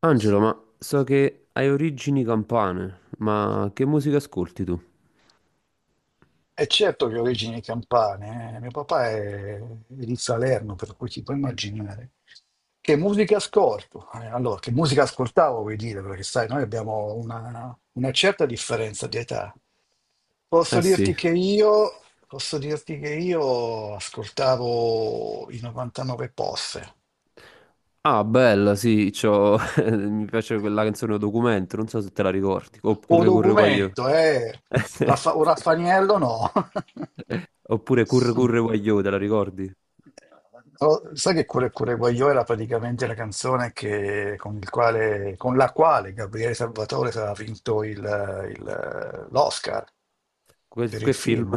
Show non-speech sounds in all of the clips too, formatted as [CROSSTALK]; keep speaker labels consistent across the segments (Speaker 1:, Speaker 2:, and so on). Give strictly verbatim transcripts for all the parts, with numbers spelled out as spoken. Speaker 1: Angelo, ma so che hai origini campane, ma che musica ascolti tu?
Speaker 2: E certo che ho origini campane, eh. Mio papà è, è di Salerno, per cui ti puoi immaginare. Che musica ascolto? Eh, allora, che musica ascoltavo, vuoi dire, perché sai, noi abbiamo una, una certa differenza di età.
Speaker 1: Eh
Speaker 2: Posso
Speaker 1: sì.
Speaker 2: dirti che io, posso dirti che io ascoltavo i novantanove Posse.
Speaker 1: Ah, bella, sì, c'ho... [LAUGHS] mi piace quella canzone Documento, non so se te la ricordi.
Speaker 2: O
Speaker 1: Oppure Curre Guagliò.
Speaker 2: documento, eh. Raffa- o
Speaker 1: [LAUGHS]
Speaker 2: Raffaniello no.
Speaker 1: Oppure Curre Curre Guagliò, te la
Speaker 2: [LAUGHS]
Speaker 1: ricordi?
Speaker 2: Oh, sai che Cuore Cuore Guagliò era praticamente la canzone che- con, il quale- con la quale Gabriele Salvatore aveva vinto il- il- l'Oscar
Speaker 1: Que-
Speaker 2: per
Speaker 1: che
Speaker 2: il
Speaker 1: film?
Speaker 2: film.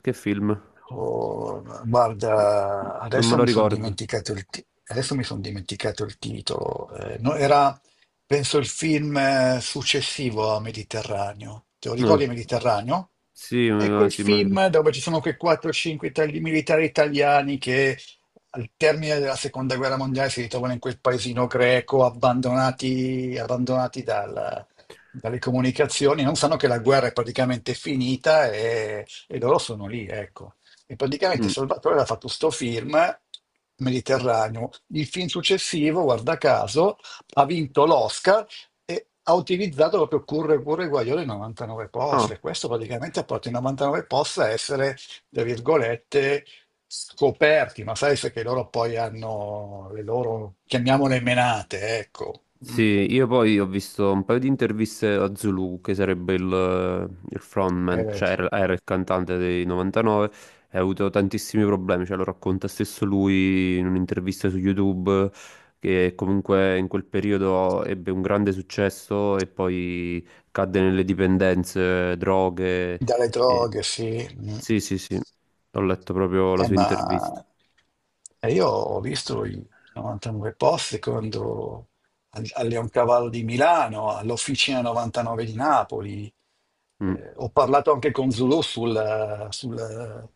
Speaker 1: Che film?
Speaker 2: Oh, guarda,
Speaker 1: Non me
Speaker 2: adesso
Speaker 1: lo
Speaker 2: mi sono
Speaker 1: ricordo.
Speaker 2: dimenticato il, ti- adesso mi son dimenticato il titolo. Eh, no, era, penso, il film eh, successivo a Mediterraneo. Te lo
Speaker 1: No.
Speaker 2: ricordi Mediterraneo?
Speaker 1: Sì,
Speaker 2: È
Speaker 1: eh,
Speaker 2: quel
Speaker 1: sì, me lo ricordo.
Speaker 2: film dove ci sono quei quattro o cinque itali- militari italiani che al termine della seconda guerra mondiale si ritrovano in quel paesino greco abbandonati, abbandonati dal- dalle comunicazioni, non sanno che la guerra è praticamente finita e, e loro sono lì, ecco. E praticamente
Speaker 1: Mm.
Speaker 2: Salvatore aveva fatto sto film Mediterraneo. Il film successivo, guarda caso, ha vinto l'Oscar e ha utilizzato proprio Curre Curre Guaiole novantanove
Speaker 1: Ah,
Speaker 2: poste. Questo praticamente ha portato i novantanove posti a essere, tra virgolette, scoperti, ma sai se che loro poi hanno le loro, chiamiamole menate, ecco, Mm.
Speaker 1: sì, io poi ho visto un paio di interviste a Zulu, che sarebbe il, il frontman,
Speaker 2: Eh,
Speaker 1: cioè era, era il cantante dei novantanove, e ha avuto tantissimi problemi, cioè lo racconta stesso lui in un'intervista su YouTube, che comunque in quel periodo ebbe un grande successo e poi cadde nelle dipendenze, droghe.
Speaker 2: dalle
Speaker 1: e-
Speaker 2: droghe, sì. Mm.
Speaker 1: Sì, sì, sì, ho letto proprio la
Speaker 2: Eh,
Speaker 1: sua intervista.
Speaker 2: ma E io ho visto i novantanove posti quando al, al Leoncavallo di Milano, all'Officina novantanove di Napoli.
Speaker 1: Mm.
Speaker 2: Eh, ho parlato anche con Zulu sul- sul-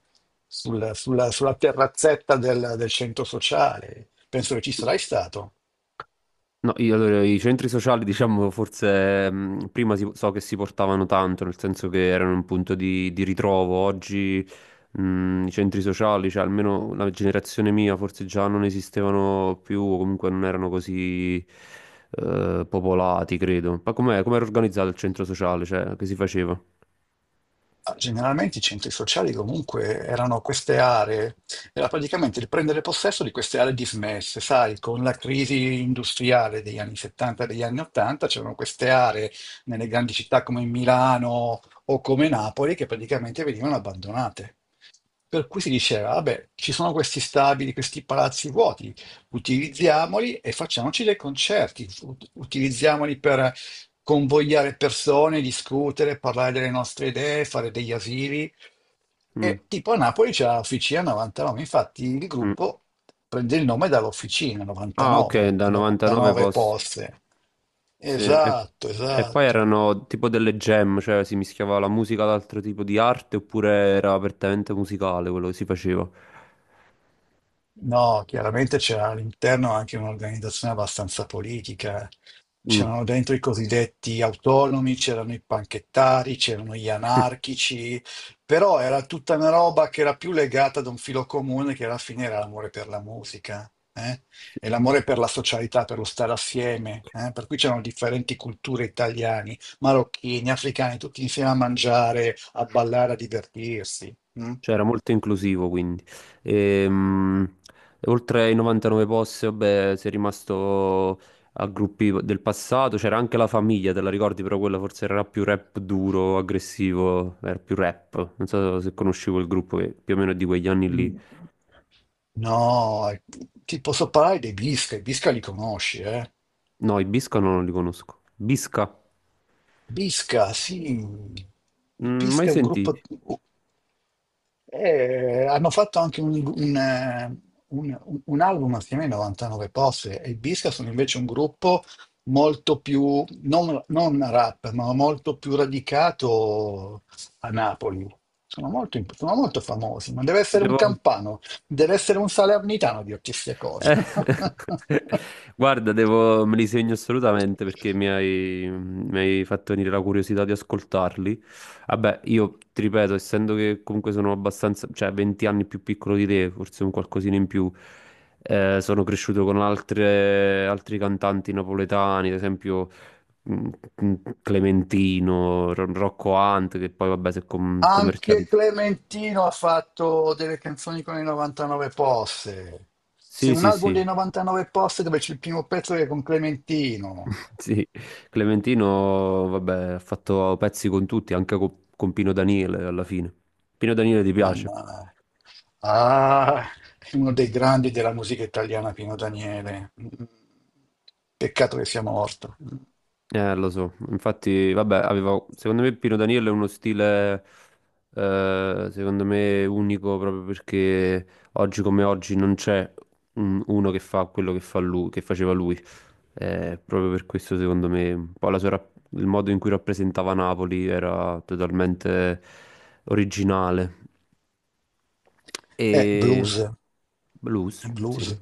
Speaker 2: sul- sulla, sulla terrazzetta del, del centro sociale. Penso che ci sarai stato.
Speaker 1: No, io- Allora, i centri sociali, diciamo, forse mh, prima si- so che si portavano tanto, nel senso che erano un punto di, di ritrovo. Oggi mh, i centri sociali, cioè almeno la generazione mia, forse già non esistevano più, o comunque non erano così eh, popolati, credo. Ma com'è, com'era organizzato il centro sociale? Cioè, che si faceva?
Speaker 2: Ah, generalmente i centri sociali comunque erano queste aree, era praticamente il prendere possesso di queste aree dismesse, sai, con la crisi industriale degli anni settanta e degli anni ottanta c'erano queste aree nelle grandi città come Milano o come Napoli che praticamente venivano abbandonate. Per cui si diceva, vabbè, ci sono questi stabili, questi palazzi vuoti, utilizziamoli e facciamoci dei concerti, ut- utilizziamoli per convogliare persone, discutere, parlare delle nostre idee, fare degli asili.
Speaker 1: Mm,
Speaker 2: E tipo a Napoli c'è l'Officina novantanove, infatti il
Speaker 1: mm.
Speaker 2: gruppo prende il nome dall'Officina
Speaker 1: Ah, ok,
Speaker 2: novantanove,
Speaker 1: da
Speaker 2: i
Speaker 1: novantanove
Speaker 2: novantanove
Speaker 1: posso.
Speaker 2: poste.
Speaker 1: Sì, e,
Speaker 2: Esatto,
Speaker 1: e poi
Speaker 2: esatto.
Speaker 1: erano tipo delle jam, cioè si mischiava la musica ad altro tipo di arte oppure era apertamente musicale quello che si faceva.
Speaker 2: No, chiaramente c'era all'interno anche un'organizzazione abbastanza politica.
Speaker 1: Mm.
Speaker 2: C'erano dentro i cosiddetti autonomi, c'erano i panchettari, c'erano gli
Speaker 1: [LAUGHS]
Speaker 2: anarchici, però era tutta una roba che era più legata ad un filo comune che alla fine era l'amore per la musica, eh?
Speaker 1: Sì.
Speaker 2: E l'amore per la socialità, per lo stare assieme, eh? Per cui c'erano differenti culture italiani, marocchini, africani, tutti insieme a mangiare, a ballare, a divertirsi, mm?
Speaker 1: Cioè era molto inclusivo quindi. Ehm, Oltre ai novantanove posti, vabbè, si è rimasto a gruppi del passato, c'era anche la famiglia, te la ricordi, però quella forse era più rap duro, aggressivo, era più rap. Non so se conosci quel gruppo che più o meno è di quegli anni lì.
Speaker 2: Mm. No, eh, ti posso parlare dei Visca, i Visca li conosci, eh?
Speaker 1: No, i Bisca no, non li conosco. Bisca?
Speaker 2: Pisca, sì. Il
Speaker 1: Mm, mai
Speaker 2: Pisca è un
Speaker 1: sentiti?
Speaker 2: gruppo. Eh, hanno fatto anche un, un, eh, un- un album assieme ai novantanove Posse e i Pisca sono invece un gruppo molto più, non, non rap, ma molto più radicato a Napoli. Sono molto, imp- sono molto famosi, ma deve essere un
Speaker 1: Devo...
Speaker 2: campano, deve essere un salernitano a dirti queste cose.
Speaker 1: Eh, [LAUGHS]
Speaker 2: [LAUGHS]
Speaker 1: guarda, devo... me li segno assolutamente perché mi hai... mi hai fatto venire la curiosità di ascoltarli. Vabbè, io ti ripeto, essendo che comunque sono abbastanza, cioè venti anni più piccolo di te, forse un qualcosina in più, eh, sono cresciuto con altre... altri cantanti napoletani, ad esempio mm, mm, Clementino, Ro- Rocco Hunt, che poi vabbè si è com-
Speaker 2: Anche
Speaker 1: commercializzato.
Speaker 2: Clementino ha fatto delle canzoni con i novantanove posse. C'è
Speaker 1: Sì,
Speaker 2: un
Speaker 1: sì,
Speaker 2: album
Speaker 1: sì.
Speaker 2: dei novantanove posse dove c'è il primo pezzo che è con Clementino.
Speaker 1: [LAUGHS] Sì, Clementino, vabbè, ha fatto pezzi con tutti, anche co- con, Pino Daniele alla fine. Pino Daniele ti piace?
Speaker 2: Mannaggia. Ah, è uno dei grandi della musica italiana, Pino Daniele. Mm. Peccato che sia morto. Mm.
Speaker 1: Eh, lo so. Infatti, vabbè, avevo, secondo me Pino Daniele è uno stile, eh, secondo me, unico proprio perché oggi come oggi non c'è un- uno che fa quello che fa lui, che faceva lui. Eh, proprio per questo, secondo me, un po' la sua rap- il modo in cui rappresentava Napoli era totalmente originale.
Speaker 2: È
Speaker 1: E
Speaker 2: blues,
Speaker 1: blues,
Speaker 2: è
Speaker 1: sì.
Speaker 2: blues.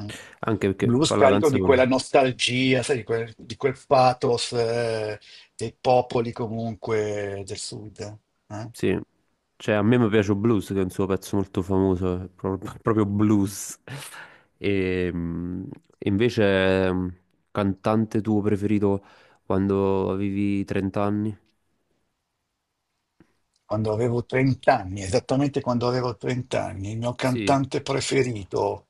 Speaker 2: Mm.
Speaker 1: Anche perché
Speaker 2: Blues
Speaker 1: fa la
Speaker 2: carico di
Speaker 1: canzone,
Speaker 2: quella nostalgia, sai, di quel, di quel pathos eh, dei popoli comunque del sud. eh.
Speaker 1: sì. Cioè, a me mi piace Blues, che è un suo pezzo molto famoso, è pro- [LAUGHS] proprio blues. E mh, invece, mh, cantante tuo preferito quando avevi trenta anni?
Speaker 2: quando avevo trenta anni, esattamente quando avevo trenta anni, il mio
Speaker 1: Sì.
Speaker 2: cantante preferito.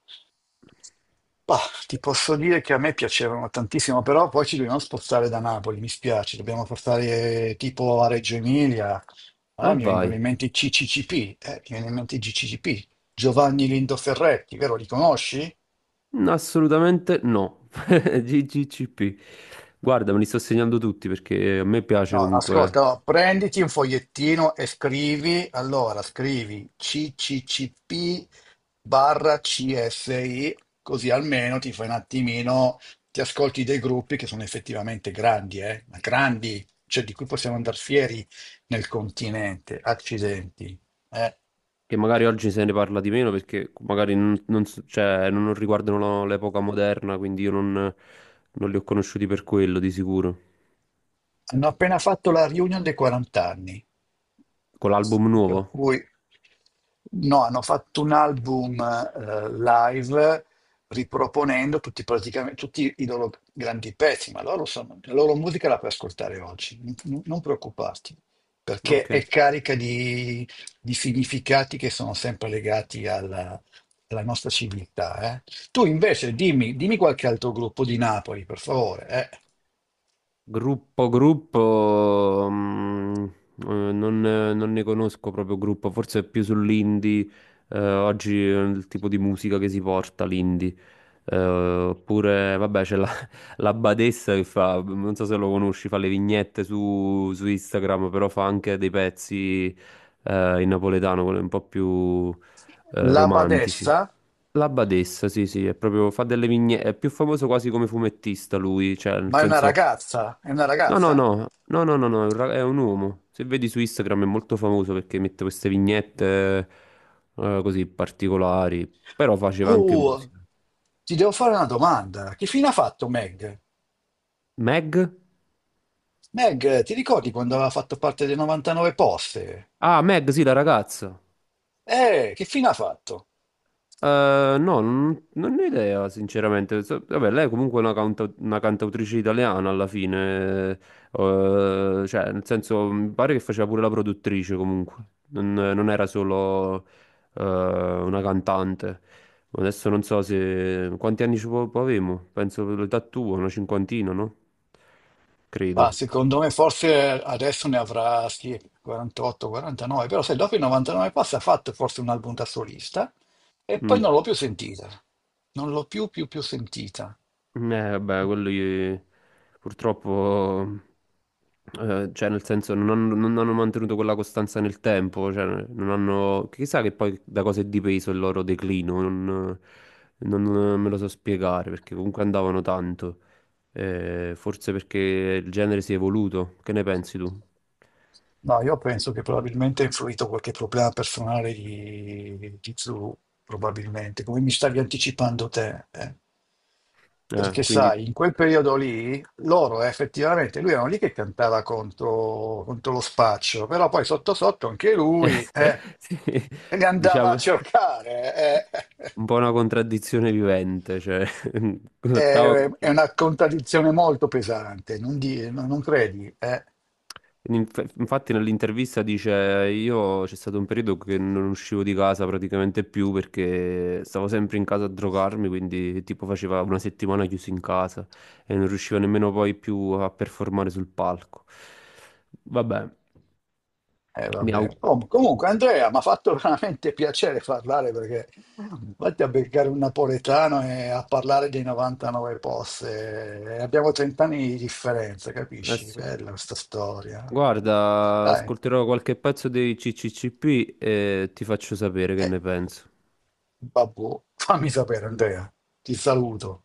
Speaker 2: Bah, ti posso dire che a me piacevano tantissimo, però poi ci dobbiamo spostare da Napoli, mi spiace, dobbiamo spostare eh, tipo a Reggio Emilia.
Speaker 1: E
Speaker 2: Allora mi
Speaker 1: vai.
Speaker 2: vengono in mente i C C C P, eh, mi viene in mente i G C C P, Giovanni Lindo Ferretti, vero, li conosci?
Speaker 1: No, assolutamente no. [LAUGHS] G G C P. Guarda, me li sto segnando tutti perché a me piace
Speaker 2: No,
Speaker 1: comunque
Speaker 2: ascolta, no, prenditi un fogliettino e scrivi, allora scrivi C C C P barra C S I, così almeno ti fai un attimino, ti ascolti dei gruppi che sono effettivamente grandi, eh? Ma grandi, cioè di cui possiamo andare fieri nel continente, accidenti. eh.
Speaker 1: che magari oggi se ne parla di meno perché magari non, non so- cioè, non- non riguardano la- l'epoca moderna, quindi io non, non li ho conosciuti per quello di sicuro.
Speaker 2: Hanno appena fatto la reunion dei quaranta anni.
Speaker 1: Con l'album
Speaker 2: Per
Speaker 1: nuovo?
Speaker 2: cui no, hanno fatto un album eh, live riproponendo tutti, praticamente, tutti i loro grandi pezzi, ma loro sono- la loro musica la puoi ascoltare oggi, non, non preoccuparti, perché
Speaker 1: Ok.
Speaker 2: è carica di, di significati che sono sempre legati alla, alla nostra civiltà. eh. Tu invece dimmi, dimmi qualche altro gruppo di Napoli, per favore. eh.
Speaker 1: Gruppo, gruppo, mm, eh, non, non ne conosco proprio gruppo, forse è più sull'indie, eh, oggi è il tipo di musica che si porta l'indie. Eh, oppure, vabbè, c'è la, [LAUGHS] la Badessa che fa, non so se lo conosci, fa le vignette su, su Instagram, però fa anche dei pezzi, eh, in napoletano, quelli un po' più, eh,
Speaker 2: La
Speaker 1: romantici.
Speaker 2: Badessa,
Speaker 1: La Badessa, sì, sì, è proprio, fa delle vignette, è più famoso quasi come fumettista lui, cioè nel
Speaker 2: ma è una
Speaker 1: senso...
Speaker 2: ragazza? È una
Speaker 1: No, no,
Speaker 2: ragazza?
Speaker 1: no, no, no, no, no, è un ra- è un uomo. Se vedi su Instagram è molto famoso perché mette queste vignette eh, così particolari, però faceva anche
Speaker 2: Oh,
Speaker 1: musica.
Speaker 2: ti devo fare una domanda. Che fine ha fatto Meg?
Speaker 1: Meg?
Speaker 2: Meg, ti ricordi quando aveva fatto parte dei novantanove poste?
Speaker 1: Ah, Meg, sì, la ragazza.
Speaker 2: Eh, che fine ha fatto?
Speaker 1: Eh, no, non, non ne ho idea, sinceramente. So- Vabbè, lei è comunque una, canta- una cantautrice italiana alla fine, eh, cioè, nel senso, mi pare che faceva pure la produttrice comunque, non, non era solo eh, una cantante. Adesso non so se... Quanti anni ci po- po' avevo? Penso l'età tua, una cinquantina, no?
Speaker 2: Ma
Speaker 1: Credo.
Speaker 2: secondo me forse adesso ne avrà sì, quarantotto, quarantanove, però se dopo i novantanove posti ha fatto forse un album da solista e poi
Speaker 1: Mm.
Speaker 2: non l'ho più sentita. Non l'ho più più più sentita.
Speaker 1: Eh, vabbè, quello gli- purtroppo, eh, cioè nel senso non hanno, non hanno mantenuto quella costanza nel tempo, cioè non hanno, chissà che poi da cosa è dipeso il loro declino, non, non me lo so spiegare perché comunque andavano tanto. Eh, forse perché il genere si è evoluto, che ne pensi tu?
Speaker 2: No, io penso che probabilmente ha influito qualche problema personale di, di Zhu, probabilmente, come mi stavi anticipando te. eh.
Speaker 1: Eh,
Speaker 2: Perché
Speaker 1: quindi
Speaker 2: sai, in quel periodo lì, loro eh, effettivamente, lui era lì che cantava contro, contro lo spaccio, però poi sotto sotto anche lui
Speaker 1: [LAUGHS]
Speaker 2: eh,
Speaker 1: sì,
Speaker 2: li andava a
Speaker 1: diciamo
Speaker 2: cercare. eh. [LAUGHS]
Speaker 1: un po' una contraddizione vivente, cioè [LAUGHS] l'ottava
Speaker 2: È, è
Speaker 1: contraddizione.
Speaker 2: una contraddizione molto pesante, non, di- non credi? Eh?
Speaker 1: Inf- Infatti nell'intervista dice, io c'è stato un periodo che non uscivo di casa praticamente più perché stavo sempre in casa a drogarmi, quindi tipo faceva una settimana chiuso in casa e non riuscivo nemmeno poi più a performare sul palco. Vabbè,
Speaker 2: Eh,
Speaker 1: mi
Speaker 2: vabbè.
Speaker 1: auguro.
Speaker 2: Oh, comunque, Andrea, mi ha fatto [LAUGHS] veramente piacere parlare perché vatti a beccare un napoletano e a parlare dei novantanove posse. Eh, Abbiamo trenta anni di differenza,
Speaker 1: Eh
Speaker 2: capisci?
Speaker 1: sì.
Speaker 2: Bella questa storia.
Speaker 1: Guarda,
Speaker 2: Dai,
Speaker 1: ascolterò qualche pezzo dei C C C P e ti faccio sapere che
Speaker 2: eh,
Speaker 1: ne penso.
Speaker 2: babbo, fammi sapere, Andrea. Ti saluto.